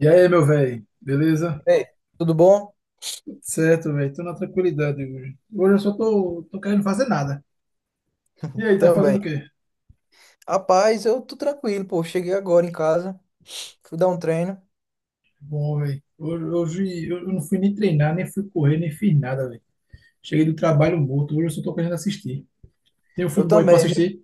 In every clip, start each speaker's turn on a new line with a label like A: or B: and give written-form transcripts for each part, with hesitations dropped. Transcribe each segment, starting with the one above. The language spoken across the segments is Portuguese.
A: E aí, meu velho, beleza?
B: Ei, tudo bom?
A: Tudo certo, velho. Tô na tranquilidade hoje. Hoje eu só tô querendo fazer nada. E aí, tá fazendo
B: Também.
A: o quê?
B: Rapaz, eu tô tranquilo, pô. Cheguei agora em casa, fui dar um treino.
A: Bom, velho. Hoje eu não fui nem treinar, nem fui correr, nem fiz nada, velho. Cheguei do trabalho morto. Hoje eu só tô querendo assistir. Tem um
B: Eu
A: filme bom aí pra
B: também, viu?
A: assistir?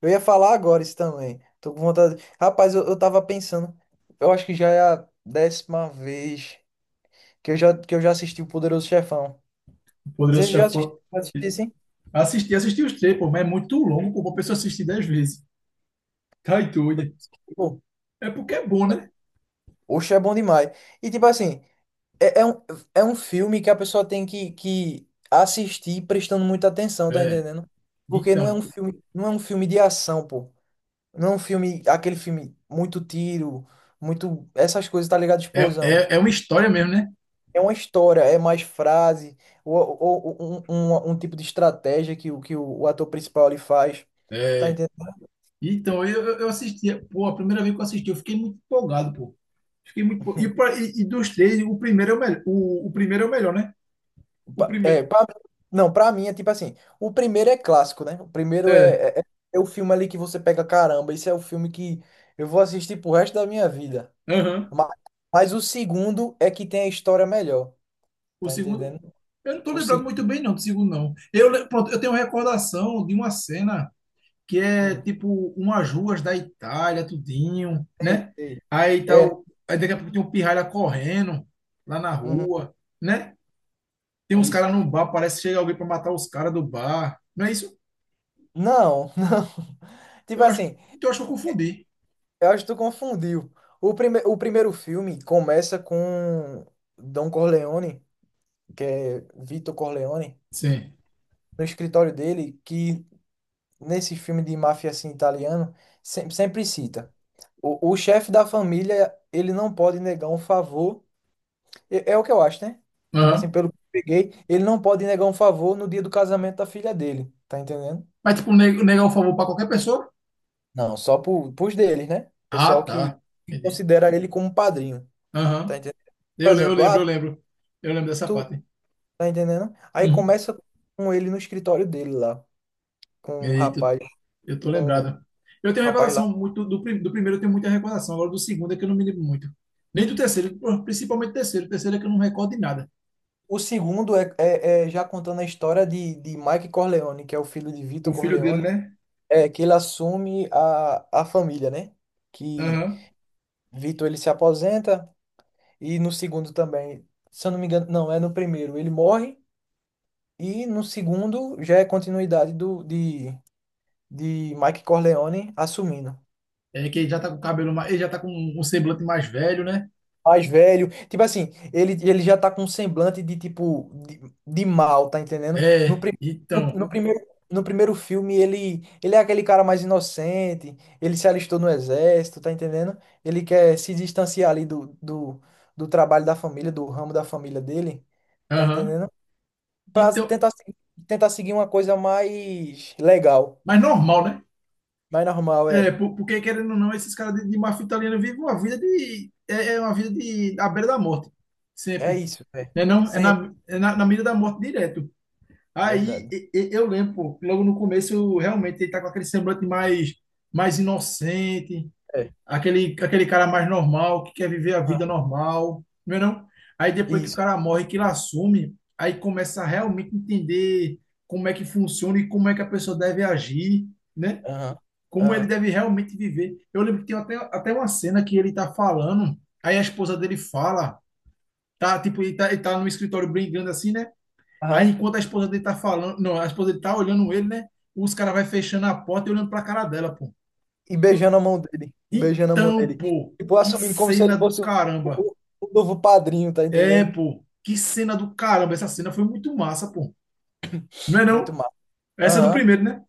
B: Eu ia falar agora isso também. Tô com vontade. Rapaz, eu tava pensando. Eu acho que já é a 10ª vez que eu já assisti o Poderoso Chefão.
A: Poderoso
B: Vocês já
A: Chefão.
B: já assistiram, sim?
A: Assisti, assisti os três, pô, mas é muito longo, pô, pra pessoa assistir 10 vezes. Tá e doida.
B: Pô,
A: É porque é bom, né?
B: oxe, é bom demais. E tipo assim, é, é um, é um filme que a pessoa tem que assistir prestando muita atenção, tá
A: É.
B: entendendo? Porque
A: Então,
B: não é um filme de ação, pô. Não é um filme, aquele filme, muito tiro, muito. Essas coisas, tá ligado?
A: é,
B: Explosão.
A: é, é uma história mesmo, né?
B: É uma história, é mais frase, ou um tipo de estratégia que o ator principal ele faz. Tá
A: É.
B: entendendo?
A: Então, eu assistia, pô, a primeira vez que eu assisti, eu fiquei muito empolgado, pô. Fiquei muito. E, e dos três, o primeiro é o melhor. O primeiro é o melhor, né? O
B: É,
A: primeiro.
B: não, pra mim é tipo assim: o primeiro é clássico, né? O primeiro
A: É.
B: é o filme ali que você pega, caramba, esse é o filme que eu vou assistir pro resto da minha vida.
A: Aham.
B: Mas, mas o segundo é que tem a história melhor,
A: O
B: tá
A: segundo.
B: entendendo?
A: Eu não tô
B: O
A: lembrado muito
B: segundo.
A: bem, não, do segundo, não. Pronto, eu tenho uma recordação de uma cena que é
B: Hum,
A: tipo umas ruas da Itália, tudinho,
B: sei,
A: né?
B: sei.
A: Aí
B: É,
A: tal. Aí daqui a pouco tem um pirralha correndo lá na
B: uhum,
A: rua, né? Tem
B: é
A: uns
B: isso.
A: caras no bar, parece que chega alguém pra matar os caras do bar. Não é isso?
B: Não, não. Tipo
A: Eu acho,
B: assim,
A: então eu acho que eu confundi.
B: eu acho que tu confundiu. O primeiro filme começa com Don Corleone, que é Vito Corleone,
A: Sim.
B: no escritório dele, que nesse filme de máfia assim, italiano, sempre cita. O chefe da família, ele não pode negar um favor. É o que eu acho, né? Tipo assim,
A: Aham.
B: pelo que eu peguei, ele não pode negar um favor no dia do casamento da filha dele. Tá entendendo?
A: Mas, tipo, negar o favor pra qualquer pessoa?
B: Não, pros deles, né? O
A: Ah,
B: pessoal que
A: tá.
B: que
A: Entendi.
B: considera ele como padrinho. Tá
A: Aham.
B: entendendo? Por
A: Eu
B: exemplo,
A: lembro, eu
B: ah,
A: lembro. Eu lembro dessa
B: tu
A: parte.
B: tá entendendo? Aí
A: Uhum.
B: começa com ele no escritório dele lá, com o
A: Eita,
B: rapaz,
A: eu tô
B: com o
A: lembrado. Eu tenho
B: rapaz lá.
A: recordação muito do primeiro, eu tenho muita recordação. Agora do segundo é que eu não me lembro muito. Nem do terceiro, pô, principalmente do terceiro. O terceiro é que eu não recordo de nada.
B: O segundo é já contando a história de Mike Corleone, que é o filho de Vitor
A: O filho dele,
B: Corleone,
A: né?
B: é que ele assume a família, né? Que
A: Aham.
B: Vitor ele se aposenta e no segundo também, se eu não me engano, não, é no primeiro, ele morre e no segundo já é continuidade de Mike Corleone assumindo.
A: É que ele já tá com o cabelo mais. Ele já tá com um semblante mais velho, né?
B: Mais velho. Tipo assim, ele já tá com um semblante de tipo de mal, tá entendendo? No,
A: É,
B: pri- no,
A: então.
B: no primeiro no primeiro filme ele é aquele cara mais inocente, ele se alistou no exército, tá entendendo? Ele quer se distanciar ali do trabalho da família, do ramo da família dele, tá
A: Aham.
B: entendendo? Pra
A: Então.
B: tentar se- tentar seguir uma coisa mais legal,
A: Mas normal, né?
B: mais normal,
A: É,
B: é.
A: porque querendo ou não, esses caras de máfia italiana vivem uma vida de. É uma vida de, à beira da morte.
B: É
A: Sempre.
B: isso, é.
A: Né, não? É
B: Sempre,
A: na, é na, na mira da morte direto.
B: é
A: Aí
B: verdade.
A: eu lembro, pô, logo no começo, realmente ele tá com aquele semblante mais, mais inocente,
B: É.
A: aquele cara mais normal, que quer viver a
B: Aham,
A: vida normal, não é não? Aí depois que o
B: isso.
A: cara morre, que ele assume, aí começa a realmente entender como é que funciona e como é que a pessoa deve agir, né?
B: Aham.
A: Como ele
B: Aham.
A: deve realmente viver. Eu lembro que tem até uma cena que ele tá falando, aí a esposa dele fala, tá, tipo, ele tá no escritório brigando assim, né? Aí
B: Aham.
A: enquanto a esposa dele tá falando, não, a esposa dele tá olhando ele, né? Os caras vai fechando a porta e olhando pra cara dela, pô. Tu-
B: E beijando a mão
A: Então,
B: dele.
A: pô,
B: Tipo,
A: que
B: assumindo como se
A: cena
B: ele
A: do
B: fosse o,
A: caramba.
B: o- o novo padrinho, tá
A: É,
B: entendendo?
A: pô, que cena do caramba. Essa cena foi muito massa, pô. Não é
B: Muito
A: não?
B: mal.
A: Essa é do
B: Aham.
A: primeiro, né?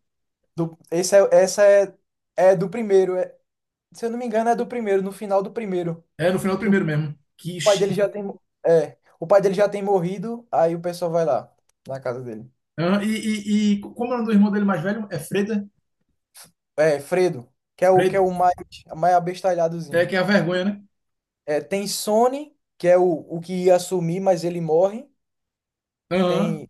B: Esse é do primeiro. Se eu não me engano, é do primeiro, no final do primeiro.
A: É, no final do
B: Que o
A: primeiro mesmo.
B: pai dele já tem. É, o pai dele já tem morrido, aí o pessoal vai lá, na casa dele.
A: Ah, e como é o nome do irmão dele mais velho? É Freda?
B: É, Fredo, que é o, que é
A: Fred,
B: o mais, mais
A: é
B: abestalhadozinho.
A: que é a vergonha, né?
B: É, tem Sony, que é o que ia assumir, mas ele morre.
A: Aham,
B: Tem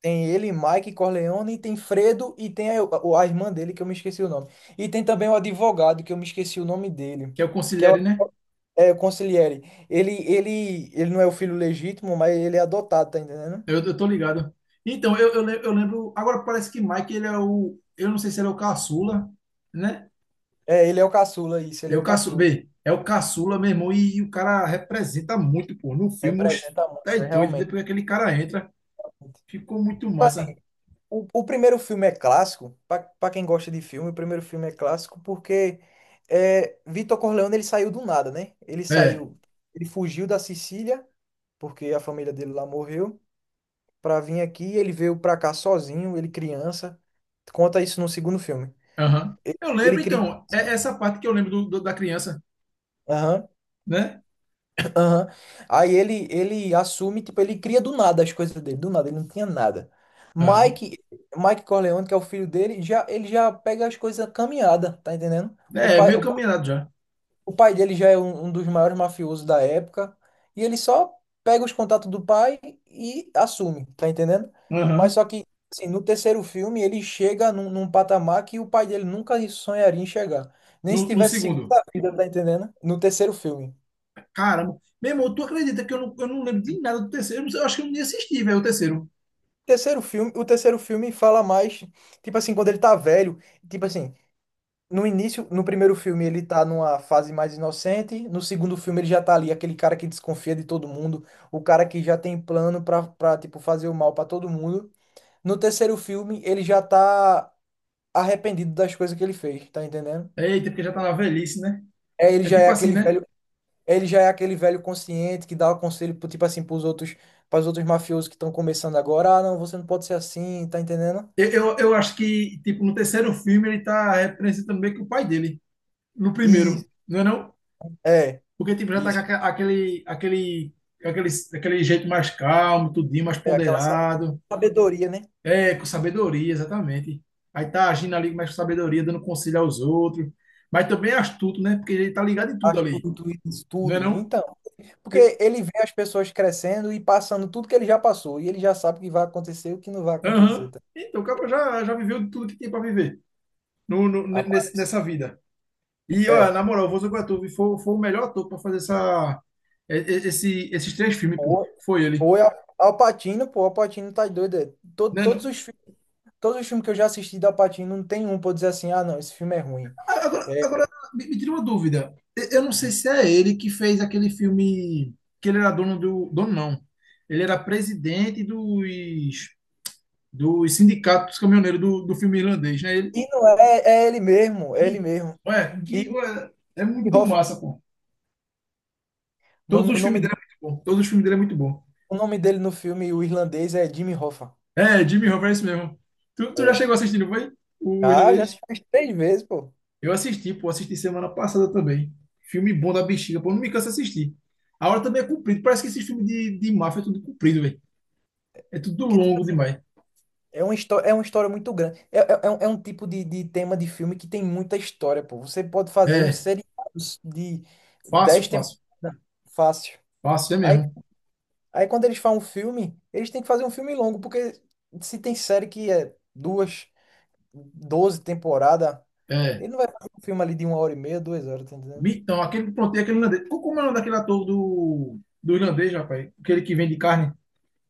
B: Tem ele, Mike Corleone, e tem Fredo e tem a irmã dele, que eu me esqueci o nome. E tem também o advogado, que eu me esqueci o nome dele,
A: que é o
B: que é
A: Consigliere, né?
B: é o Consigliere. Ele não é o filho legítimo, mas ele é adotado, tá entendendo?
A: Eu tô ligado. Então, eu lembro. Agora parece que Mike, ele é o. Eu não sei se ele é o caçula, né?
B: É, ele é o caçula, isso, ele
A: É
B: é
A: o
B: o
A: caçula.
B: caçula.
A: Bem, é o caçula, meu irmão, e o cara representa muito, pô. No filme, oxe,
B: Representa
A: tá
B: muito, é,
A: doido.
B: realmente.
A: Depois que aquele cara entra, ficou muito
B: Tipo
A: massa.
B: assim, o primeiro filme é clássico, pra quem gosta de filme, o primeiro filme é clássico porque é, Vitor Corleone ele saiu do nada, né?
A: É,
B: Ele fugiu da Sicília, porque a família dele lá morreu, para vir aqui. Ele veio para cá sozinho, ele criança. Conta isso no segundo filme.
A: aham. Eu
B: Ele
A: lembro,
B: cria.
A: então, é essa parte que eu lembro do, da criança,
B: Aham,
A: né?
B: aham. Aí ele assume, tipo, ele cria do nada as coisas dele, do nada, ele não tinha nada.
A: Aham.
B: Mike, Mike Corleone, que é o filho dele, já, ele já pega as coisas caminhada, tá entendendo?
A: É, meio caminhado já.
B: O pai dele já é um dos maiores mafiosos da época. E ele só pega os contatos do pai e assume, tá entendendo? Mas
A: Aham.
B: só que, assim, no terceiro filme, ele chega num patamar que o pai dele nunca sonharia em chegar. Nem se
A: No
B: tivesse
A: segundo.
B: segunda vida, tá entendendo? No terceiro filme.
A: Caramba. Meu irmão, tu acredita que eu não lembro de nada do terceiro? Eu, não sei, eu acho que eu nem assisti, velho, o terceiro.
B: Terceiro filme, o terceiro filme fala mais, tipo assim, quando ele tá velho, tipo assim, no início, no primeiro filme, ele tá numa fase mais inocente. No segundo filme, ele já tá ali, aquele cara que desconfia de todo mundo, o cara que já tem plano pra tipo, fazer o mal pra todo mundo. No terceiro filme, ele já tá arrependido das coisas que ele fez, tá entendendo?
A: Eita, porque já tá na velhice, né?
B: É, ele
A: É
B: já é
A: tipo assim,
B: aquele
A: né?
B: velho consciente que dá o conselho, tipo assim, pros outros mafiosos que estão começando agora. Ah, não, você não pode ser assim, tá entendendo?
A: Eu acho que, tipo, no terceiro filme ele tá representando meio que o pai dele. No
B: Isso,
A: primeiro, não é não?
B: é,
A: Porque, tipo, já tá com
B: isso.
A: aquele, aquele jeito mais calmo, tudinho, mais
B: É aquela
A: ponderado.
B: sabedoria, né?
A: É, com sabedoria, exatamente. Aí tá agindo ali mais com sabedoria, dando conselho aos outros. Mas também é astuto, né? Porque ele tá ligado em tudo ali,
B: Astuto, isso
A: não é
B: tudo.
A: não?
B: Então. Porque ele vê as pessoas crescendo e passando tudo que ele já passou. E ele já sabe o que vai acontecer e o que não vai acontecer.
A: Aham.
B: Tá?
A: Então, o cara já, já viveu tudo que tinha para viver no, no- ne- nesse-
B: Aparece.
A: nessa vida. E, olha,
B: É.
A: na moral, o Volta com a foi, o melhor ator para fazer essa, e- esse, esses três filmes, pô.
B: Ou,
A: Foi ele.
B: ou é Al Pacino, pô, Al Pacino tá doido. É. Todo,
A: Né,
B: todos os,
A: não?
B: fi- todos os filmes que eu já assisti do Al Pacino, não tem um pra eu dizer assim, ah, não, esse filme é ruim.
A: A- Agora,
B: É,
A: agora me tira uma dúvida. Eu não sei se é ele que fez aquele filme que ele era dono do. Dono, não. Ele era presidente dos sindicatos caminhoneiros do filme irlandês, né? Ele,
B: e não é, é ele mesmo, é
A: e,
B: ele mesmo.
A: ué,
B: E
A: que, ué, é
B: Jimmy
A: muito
B: Hoffa.
A: massa, pô.
B: O
A: Todos
B: nome, o
A: os filmes
B: nome
A: dele
B: dele,
A: é muito bom. Todos os filmes dele é muito bom.
B: o nome dele no filme, o irlandês, é Jimmy Hoffa.
A: É, Jimmy
B: Que-
A: Roberts mesmo. Tu já
B: É.
A: chegou assistindo, foi? O
B: Ah, já
A: irlandês?
B: assisti umas três vezes, pô.
A: Eu assisti, pô, assisti semana passada também. Filme bom da bexiga, pô, não me canso de assistir. A hora também é comprida, parece que esse filme de, máfia é tudo comprido, velho. É tudo
B: Porque, tipo,
A: longo demais.
B: É uma história muito grande. É um tipo de tema de filme que tem muita história, pô. Você pode fazer um
A: É,
B: seriado de
A: fácil,
B: dez
A: fácil.
B: temporadas fácil.
A: Fácil, é
B: Aí,
A: mesmo.
B: quando eles fazem um filme, eles têm que fazer um filme longo, porque se tem série que é duas, 12 temporadas,
A: É.
B: ele não vai fazer um filme ali de uma hora e meia, 2 horas, tá entendendo?
A: Então, aquele, pronto, e aquele irlandês. Como é o nome daquele ator do irlandês, rapaz? Aquele que vende carne.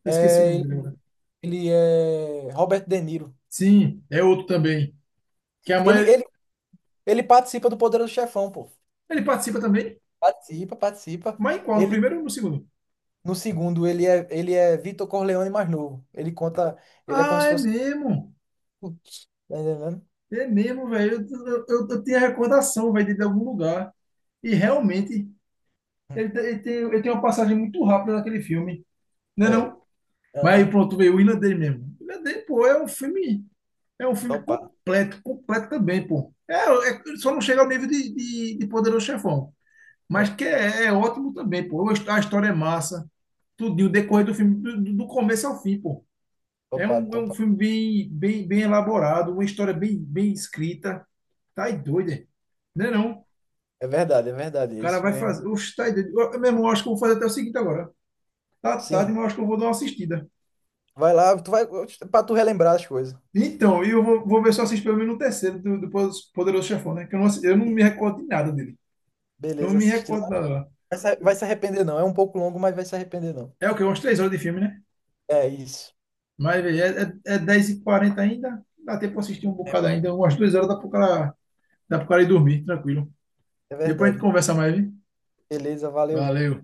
A: Eu esqueci o
B: É,
A: nome
B: ele,
A: dele agora.
B: ele é Robert De Niro.
A: Sim, é outro também. Que é a
B: Ele,
A: mãe.
B: ele, ele participa do Poderoso Chefão, pô.
A: Ele participa também,
B: Participa, participa.
A: mas em qual? No
B: Ele,
A: primeiro ou no segundo?
B: No segundo, ele é Vitor Corleone mais novo. Ele conta, ele é como
A: Ah,
B: se
A: é
B: fosse.
A: mesmo.
B: Tá entendendo?
A: É mesmo, velho. Eu tenho a recordação, velho, dele de algum lugar. E realmente, ele tem uma passagem muito rápida naquele filme. Não é
B: É.
A: não? Mas aí
B: Aham.
A: pronto, veio o irlandês mesmo. O irlandês, pô, é um filme. É um filme
B: Topado.
A: completo, completo também, pô. Só não chega ao nível de, Poderoso Chefão. Mas
B: É.
A: que é ótimo também, pô. A história é massa. Tudinho, o decorrer do filme, do, do começo ao fim, pô. É
B: Topado,
A: um, é um
B: topado.
A: filme bem, bem, bem elaborado, uma história bem, bem escrita. Tá aí doido, é? Não é não?
B: É verdade, é
A: O
B: verdade. É
A: cara
B: isso
A: vai
B: mesmo.
A: fazer. Oxe, tá aí doido. Eu, meu irmão, acho que eu vou fazer até o seguinte agora. Tá tarde,
B: Sim.
A: mas eu acho que eu vou dar uma assistida.
B: Vai lá, tu vai pra tu relembrar as coisas.
A: Então, e eu vou ver se eu assisto pelo menos o terceiro do, Poderoso Chefão, né? Que eu não me recordo de nada dele. Não
B: Beleza,
A: me
B: assiste lá.
A: recordo de nada lá.
B: Vai se arrepender, não. É um pouco longo, mas vai se arrepender, não.
A: É o quê? Umas 3 horas de filme, né?
B: É isso.
A: Mas, velho, é 10h40 ainda. Dá tempo pra assistir um bocado ainda. Umas 2 horas dá pro cara ir dormir, tranquilo.
B: É
A: Depois a gente
B: verdade.
A: conversa mais, viu?
B: Beleza, valeu.
A: Valeu.